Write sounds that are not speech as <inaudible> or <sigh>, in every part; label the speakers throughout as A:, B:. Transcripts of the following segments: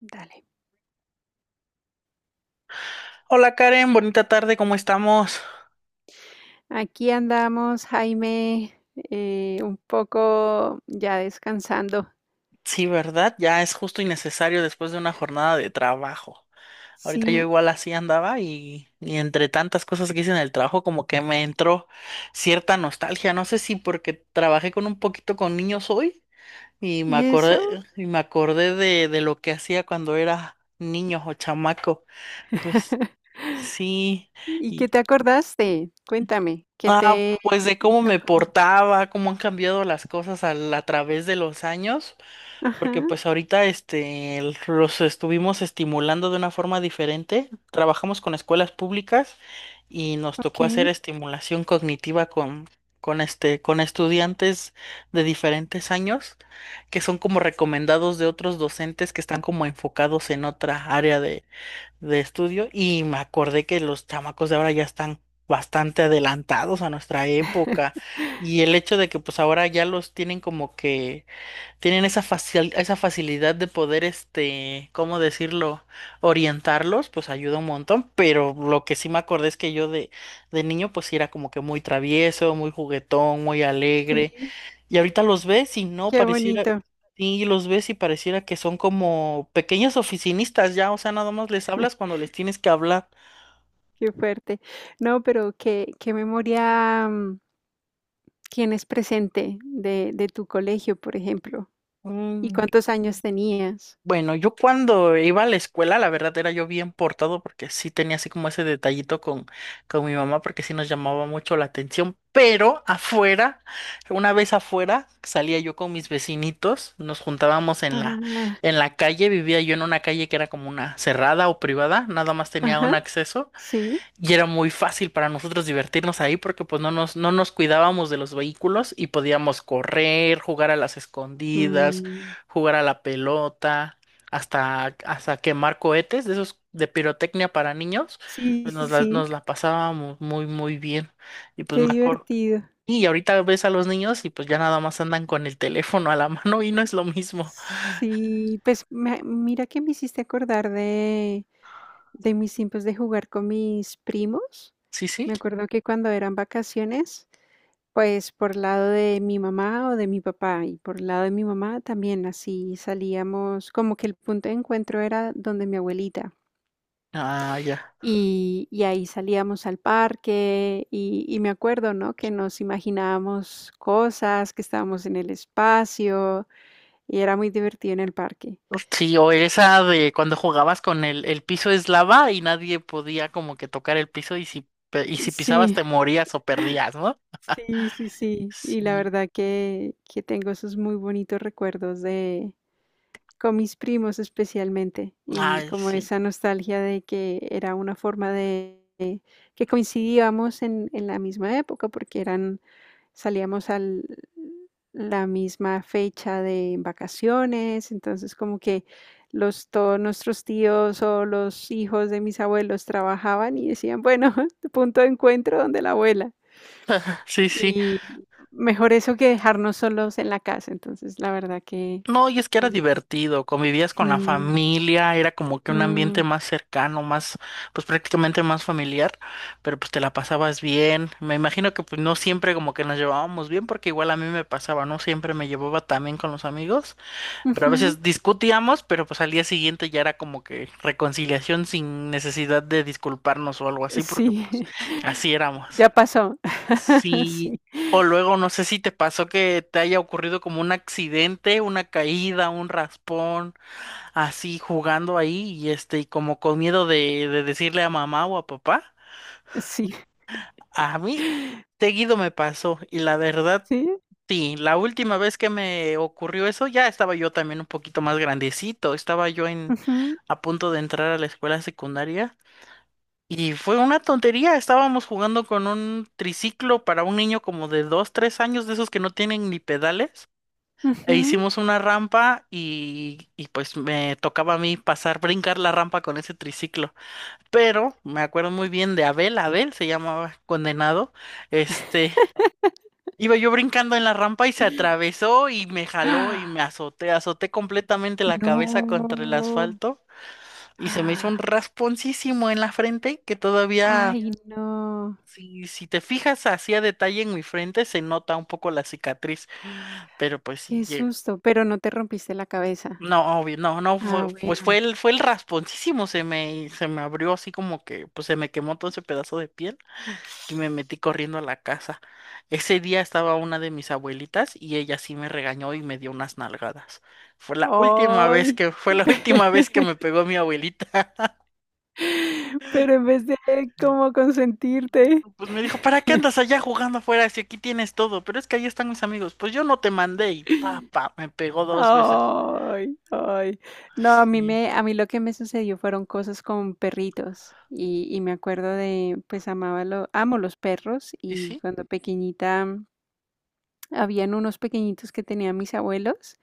A: Dale.
B: Hola Karen, bonita tarde, ¿cómo estamos?
A: Aquí andamos, Jaime, un poco ya descansando.
B: Sí, ¿verdad? Ya es justo y necesario después de una jornada de trabajo. Ahorita yo
A: Sí,
B: igual así andaba y entre tantas cosas que hice en el trabajo como que me entró cierta nostalgia. No sé si porque trabajé con un poquito con niños hoy y me
A: ¿y eso?
B: acordé, y me acordé de lo que hacía cuando era niño o chamaco. Pues
A: <laughs>
B: sí.
A: ¿Y qué
B: y-
A: te acordaste? Cuéntame, ¿qué
B: Ah,
A: te
B: pues de cómo
A: hizo
B: me
A: como?
B: portaba, cómo han cambiado las cosas a través de los años. Porque
A: Ajá,
B: pues ahorita los estuvimos estimulando de una forma diferente. Trabajamos con escuelas públicas y nos tocó hacer
A: ok.
B: estimulación cognitiva con estudiantes de diferentes años, que son como recomendados de otros docentes que están como enfocados en otra área de estudio. Y me acordé que los chamacos de ahora ya están bastante adelantados a nuestra época.
A: <laughs>
B: Y el hecho de que pues ahora ya los tienen como que tienen esa facilidad de poder, ¿cómo decirlo? Orientarlos, pues ayuda un montón, pero lo que sí me acordé es que yo de niño pues sí era como que muy travieso, muy juguetón, muy alegre,
A: Sí,
B: y ahorita los ves y no
A: qué
B: pareciera,
A: bonito,
B: y los ves y pareciera que son como pequeños oficinistas ya, o sea, nada más les hablas cuando les tienes que hablar.
A: qué fuerte. No, pero qué memoria tienes presente de tu colegio, por ejemplo. ¿Y
B: Mm.
A: cuántos años tenías?
B: Bueno, yo cuando iba a la escuela, la verdad era yo bien portado porque sí tenía así como ese detallito con mi mamá porque sí nos llamaba mucho la atención, pero afuera, una vez afuera, salía yo con mis vecinitos, nos juntábamos
A: Ah,
B: en la calle. Vivía yo en una calle que era como una cerrada o privada, nada más tenía un
A: ajá,
B: acceso.
A: sí.
B: Y era muy fácil para nosotros divertirnos ahí porque pues no nos cuidábamos de los vehículos y podíamos correr, jugar a las escondidas,
A: Mm.
B: jugar a la pelota, hasta quemar cohetes de esos de pirotecnia para niños.
A: Sí,
B: pues, Nos
A: sí,
B: la,
A: sí,
B: nos la pasábamos muy, muy bien. Y pues
A: qué
B: me acuerdo.
A: divertido.
B: Y ahorita ves a los niños y pues ya nada más andan con el teléfono a la <laughs> mano y no es lo mismo.
A: Sí, pues mira que me hiciste acordar de mis tiempos de jugar con mis primos.
B: Sí, sí.
A: Me acuerdo que cuando eran vacaciones, pues por lado de mi mamá o de mi papá y por lado de mi mamá también así salíamos, como que el punto de encuentro era donde mi abuelita.
B: Ah, ya.
A: Y ahí salíamos al parque y me acuerdo, ¿no? Que nos imaginábamos cosas, que estábamos en el espacio. Y era muy divertido en el parque.
B: Sí, o esa de cuando jugabas con el piso es lava y nadie podía como que tocar el piso, y si pisabas
A: Sí,
B: te morías o perdías, ¿no?
A: sí, sí, sí. Y la
B: Sí.
A: verdad que tengo esos muy bonitos recuerdos de, con mis primos especialmente, y
B: Ay,
A: como
B: sí.
A: esa nostalgia de que era una forma de que coincidíamos en la misma época, porque eran salíamos al la misma fecha de vacaciones, entonces como que los todos nuestros tíos o los hijos de mis abuelos trabajaban y decían: "Bueno, <laughs> punto de encuentro donde la abuela".
B: Sí, sí.
A: Y mejor eso que dejarnos solos en la casa, entonces la verdad que
B: No, y es que era
A: y
B: divertido, convivías con la
A: mm.
B: familia, era como que un ambiente
A: Mm,
B: más cercano, más, pues prácticamente más familiar, pero pues te la pasabas bien. Me imagino que pues no siempre como que nos llevábamos bien, porque igual a mí me pasaba, no siempre me llevaba tan bien con los amigos. Pero a
A: ujú.
B: veces discutíamos, pero pues al día siguiente ya era como que reconciliación sin necesidad de disculparnos o algo así, porque
A: Sí,
B: pues así
A: <laughs>
B: éramos.
A: ya pasó. <laughs>
B: Sí,
A: Sí,
B: o luego no sé si te pasó que te haya ocurrido como un accidente, una caída, un raspón, así jugando ahí y como con miedo de decirle a mamá o a papá.
A: sí,
B: A mí seguido me pasó y la verdad.
A: sí.
B: Sí, la última vez que me ocurrió eso ya estaba yo también un poquito más grandecito. Estaba yo en
A: Ujú,
B: a punto de entrar a la escuela secundaria y fue una tontería. Estábamos jugando con un triciclo para un niño como de 2, 3 años, de esos que no tienen ni pedales, e
A: ujú.
B: hicimos una rampa y pues me tocaba a mí pasar, brincar la rampa con ese triciclo, pero me acuerdo muy bien de Abel. Abel se llamaba, condenado, este... Iba yo brincando en la rampa y se atravesó y me jaló y
A: ¡Ah!
B: me azoté completamente la cabeza contra el
A: No.
B: asfalto, y se me hizo un
A: ¡Ah!
B: rasponcísimo en la frente que todavía,
A: Ay, no,
B: si te fijas así a detalle en mi frente, se nota un poco la cicatriz, pero pues sí,
A: qué susto, pero no te rompiste la cabeza.
B: no, obvio no, no fue,
A: Ah,
B: pues fue
A: bueno.
B: el, fue el rasponcísimo, se me abrió así como que, pues se me quemó todo ese pedazo de piel. Que me metí corriendo a la casa. Ese día estaba una de mis abuelitas y ella sí me regañó y me dio unas nalgadas. Fue la última vez
A: Ay,
B: que, fue la <laughs> última vez que
A: <laughs>
B: me pegó mi abuelita.
A: pero en vez de como consentirte.
B: Pues me dijo, ¿para qué andas allá jugando afuera si aquí tienes todo? Pero es que ahí están mis amigos. Pues yo no te mandé. Y pa, pa, me pegó dos veces.
A: Ay, ay. No,
B: Sí,
A: a mí lo que me sucedió fueron cosas con perritos y me acuerdo de, pues amo los perros
B: sí,
A: y
B: sí.
A: cuando pequeñita mm, habían unos pequeñitos que tenían mis abuelos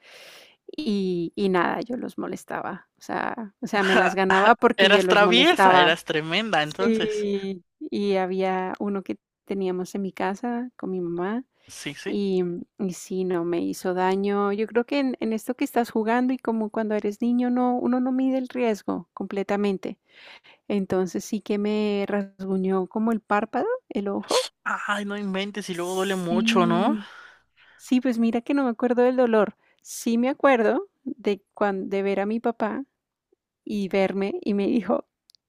A: y nada, yo los molestaba, o sea, me las
B: <laughs>
A: ganaba porque yo
B: Eras
A: los
B: traviesa,
A: molestaba.
B: eras tremenda, entonces.
A: Sí, y había uno que teníamos en mi casa con mi mamá
B: Sí, sí.
A: y y sí, no, me hizo daño. Yo creo que en esto que estás jugando y como cuando eres niño, no, uno no mide el riesgo completamente. Entonces sí que me rasguñó como el párpado, el ojo.
B: Ay, no inventes, y luego duele mucho, ¿no?
A: Sí. Sí, pues mira que no me acuerdo del dolor. Sí me acuerdo de cuan de ver a mi papá y verme y me dijo: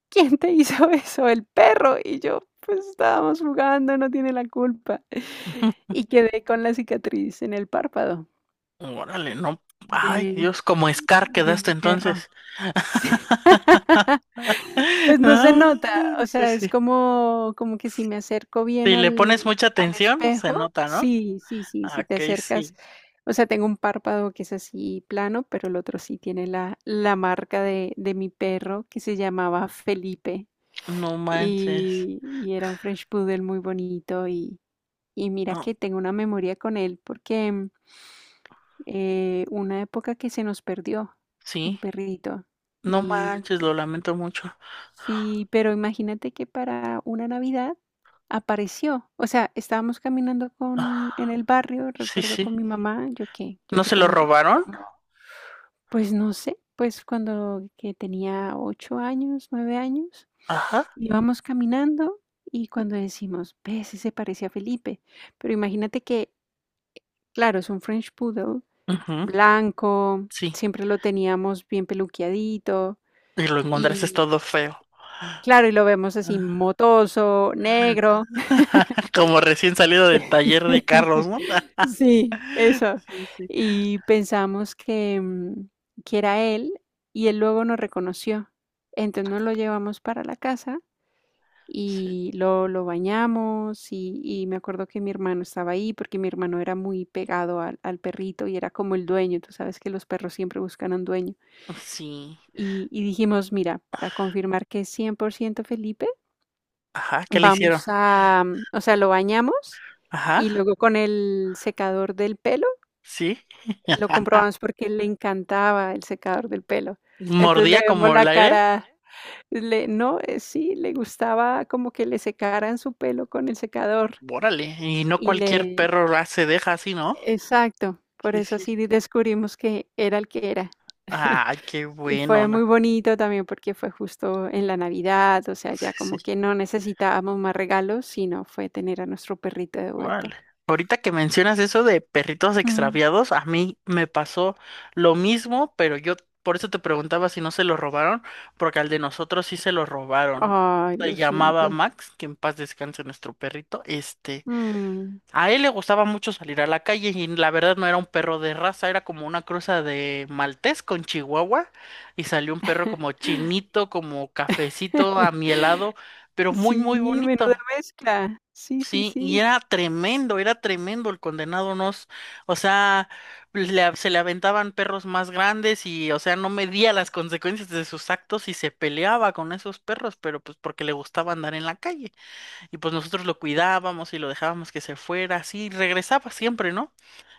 A: "¿Quién te hizo <laughs> eso? El perro". Y yo, pues estábamos jugando, no tiene la culpa. <laughs> Y quedé con la cicatriz en el párpado.
B: Órale, no. Ay,
A: De
B: Dios, como Scar
A: de
B: quedaste
A: mi perra.
B: entonces.
A: Sí, <laughs>
B: <laughs>
A: pues no se
B: Ah,
A: nota, o
B: sí,
A: sea, es
B: sí.
A: como que si me acerco bien
B: Si le pones mucha
A: al
B: atención, se
A: espejo
B: nota, ¿no?
A: sí, sí, sí,
B: Ah,
A: si te
B: ok,
A: acercas,
B: sí.
A: o sea, tengo un párpado que es así plano, pero el otro sí tiene la la marca de mi perro que se llamaba Felipe
B: No manches.
A: y era un French Poodle muy bonito y mira
B: Oh,
A: que tengo una memoria con él porque una época que se nos perdió el
B: sí.
A: perrito.
B: No manches, lo
A: Y
B: lamento mucho.
A: sí, pero imagínate que para una Navidad apareció. O sea, estábamos caminando con,
B: Ah,
A: en el barrio,
B: sí,
A: recuerdo
B: sí.
A: con mi mamá, yo
B: ¿No
A: qué
B: se lo
A: tenía,
B: robaron?
A: como, pues no sé, pues cuando que tenía 8 años, 9 años,
B: Ajá.
A: íbamos caminando y cuando decimos, ve, ese se parece a Felipe. Pero imagínate que, claro, es un French Poodle
B: Ujú,
A: blanco,
B: sí.
A: siempre lo teníamos bien peluqueadito
B: Y lo encontraste
A: y
B: todo feo.
A: claro, y lo vemos así
B: Ah,
A: motoso, negro.
B: <laughs> como recién salido del taller de carros,
A: <laughs>
B: ¿no?
A: Sí,
B: <laughs>
A: eso.
B: Sí, sí.
A: Y pensamos que, mm, que era él y él luego nos reconoció. Entonces nos lo llevamos para la casa
B: Sí.
A: y lo bañamos y me acuerdo que mi hermano estaba ahí porque mi hermano era muy pegado al perrito y era como el dueño. Tú sabes que los perros siempre buscan un dueño.
B: Sí.
A: Y dijimos, mira, para confirmar que es 100% Felipe,
B: Ajá, ¿qué le hicieron?
A: vamos a, mm, o sea, lo bañamos
B: Ajá.
A: y luego con el secador del pelo
B: Sí, <laughs>
A: lo comprobamos porque le encantaba el secador del pelo. Entonces le
B: mordía
A: vemos
B: como el
A: la
B: aire.
A: cara, le, no, sí, le gustaba como que le secaran su pelo con el secador
B: Órale, y no
A: y
B: cualquier
A: le,
B: perro la se deja así, ¿no?
A: exacto, por
B: Sí,
A: eso
B: sí.
A: así descubrimos que era el que era.
B: Ah, qué
A: Y
B: bueno.
A: fue muy bonito también porque fue justo en la Navidad, o sea, ya
B: Sí,
A: como
B: sí.
A: que no necesitábamos más regalos, sino fue tener a nuestro perrito de
B: Órale.
A: vuelta.
B: Ahorita que mencionas eso de perritos
A: Mm.
B: extraviados, a mí me pasó lo mismo, pero yo por eso te preguntaba si no se lo robaron, porque al de nosotros sí se lo robaron.
A: Ay,
B: Se
A: lo
B: llamaba
A: siento.
B: Max, que en paz descanse nuestro perrito.
A: Mm.
B: A él le gustaba mucho salir a la calle, y la verdad no era un perro de raza, era como una cruza de maltés con chihuahua, y salió un perro como chinito, como cafecito, amielado,
A: <laughs>
B: pero muy muy
A: Sí,
B: bonito.
A: menuda mezcla. Sí, sí,
B: Sí, y
A: sí.
B: era tremendo el condenado. Nos, o sea, le se le aventaban perros más grandes y, o sea, no medía las consecuencias de sus actos y se peleaba con esos perros, pero pues porque le gustaba andar en la calle. Y pues nosotros lo cuidábamos y lo dejábamos que se fuera, así, y regresaba siempre, ¿no?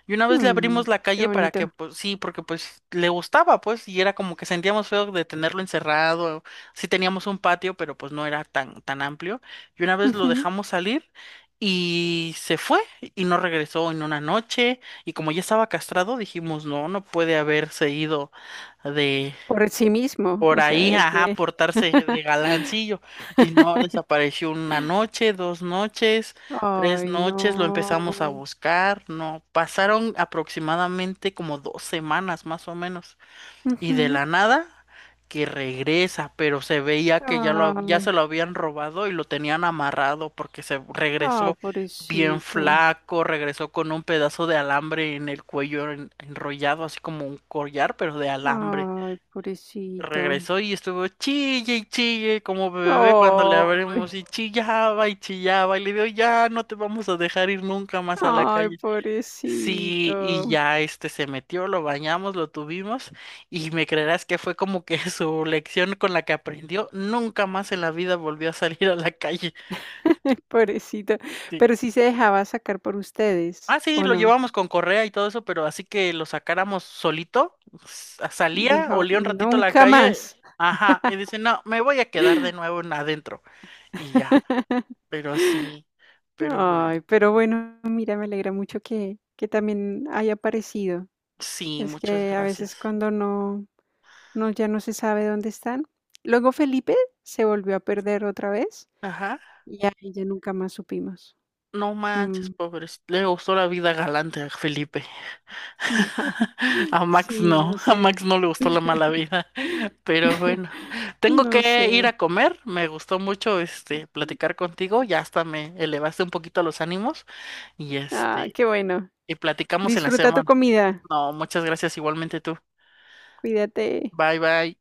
B: Y una vez le
A: Mm,
B: abrimos la
A: qué
B: calle para que,
A: bonito.
B: pues sí, porque pues le gustaba, pues, y era como que sentíamos feo de tenerlo encerrado. Sí teníamos un patio, pero pues no era tan, tan amplio. Y una vez lo
A: Ujú.
B: dejamos salir y se fue, y no regresó en una noche, y como ya estaba castrado, dijimos, no, no puede haberse ido
A: Por sí mismo,
B: por
A: o sea,
B: ahí,
A: de
B: ajá,
A: que
B: portarse de galancillo. Y no, desapareció una
A: <laughs>
B: noche, 2 noches, 3
A: Ay,
B: noches, lo empezamos a
A: no.
B: buscar. No, pasaron aproximadamente como 2 semanas, más o menos. Y de
A: Ujú.
B: la nada, que regresa, pero se veía que ya
A: Ay.
B: se lo habían robado y lo tenían amarrado, porque se
A: Ah,
B: regresó bien
A: pobrecito.
B: flaco, regresó con un pedazo de alambre en el cuello enrollado, así como un collar, pero de alambre.
A: Ay, pobrecito.
B: Regresó y estuvo chille y chille como bebé cuando le
A: Ay,
B: abrimos, y chillaba y chillaba, y le digo, ya no te vamos a dejar ir nunca más a la
A: ay,
B: calle. Sí,
A: pobrecito.
B: y ya se metió, lo bañamos, lo tuvimos, y me creerás que fue como que <laughs> su lección con la que aprendió, nunca más en la vida volvió a salir a la calle.
A: <laughs> Pobrecito.
B: Sí.
A: Pero sí se dejaba sacar por ustedes,
B: Ah, sí,
A: ¿o
B: lo
A: no?
B: llevamos con correa y todo eso, pero así que lo sacáramos solito, salía,
A: Dijo,
B: olía un ratito la
A: nunca
B: calle,
A: más.
B: ajá, y dice, no, me voy a quedar de nuevo en adentro. Y ya.
A: <laughs>
B: Pero sí, pero bueno,
A: Ay, pero bueno, mira, me alegra mucho que también haya aparecido.
B: sí,
A: Es
B: muchas
A: que a
B: gracias.
A: veces cuando no, no, ya no se sabe dónde están. Luego Felipe se volvió a perder otra vez.
B: Ajá.
A: Ya, y ya nunca más supimos.
B: No manches,
A: Mm,
B: pobres. Le gustó la vida galante a Felipe.
A: ya,
B: <laughs>
A: <laughs>
B: A Max
A: sí,
B: no,
A: no
B: <laughs> a
A: sé,
B: Max no le gustó la mala vida. <laughs> Pero bueno, tengo
A: no
B: que ir
A: sé.
B: a comer. Me gustó mucho este platicar contigo. Ya hasta me elevaste un poquito los ánimos. Y
A: Ah,
B: este,
A: qué bueno.
B: y platicamos en la
A: Disfruta tu
B: semana.
A: comida.
B: No, muchas gracias, igualmente tú.
A: Cuídate.
B: Bye bye.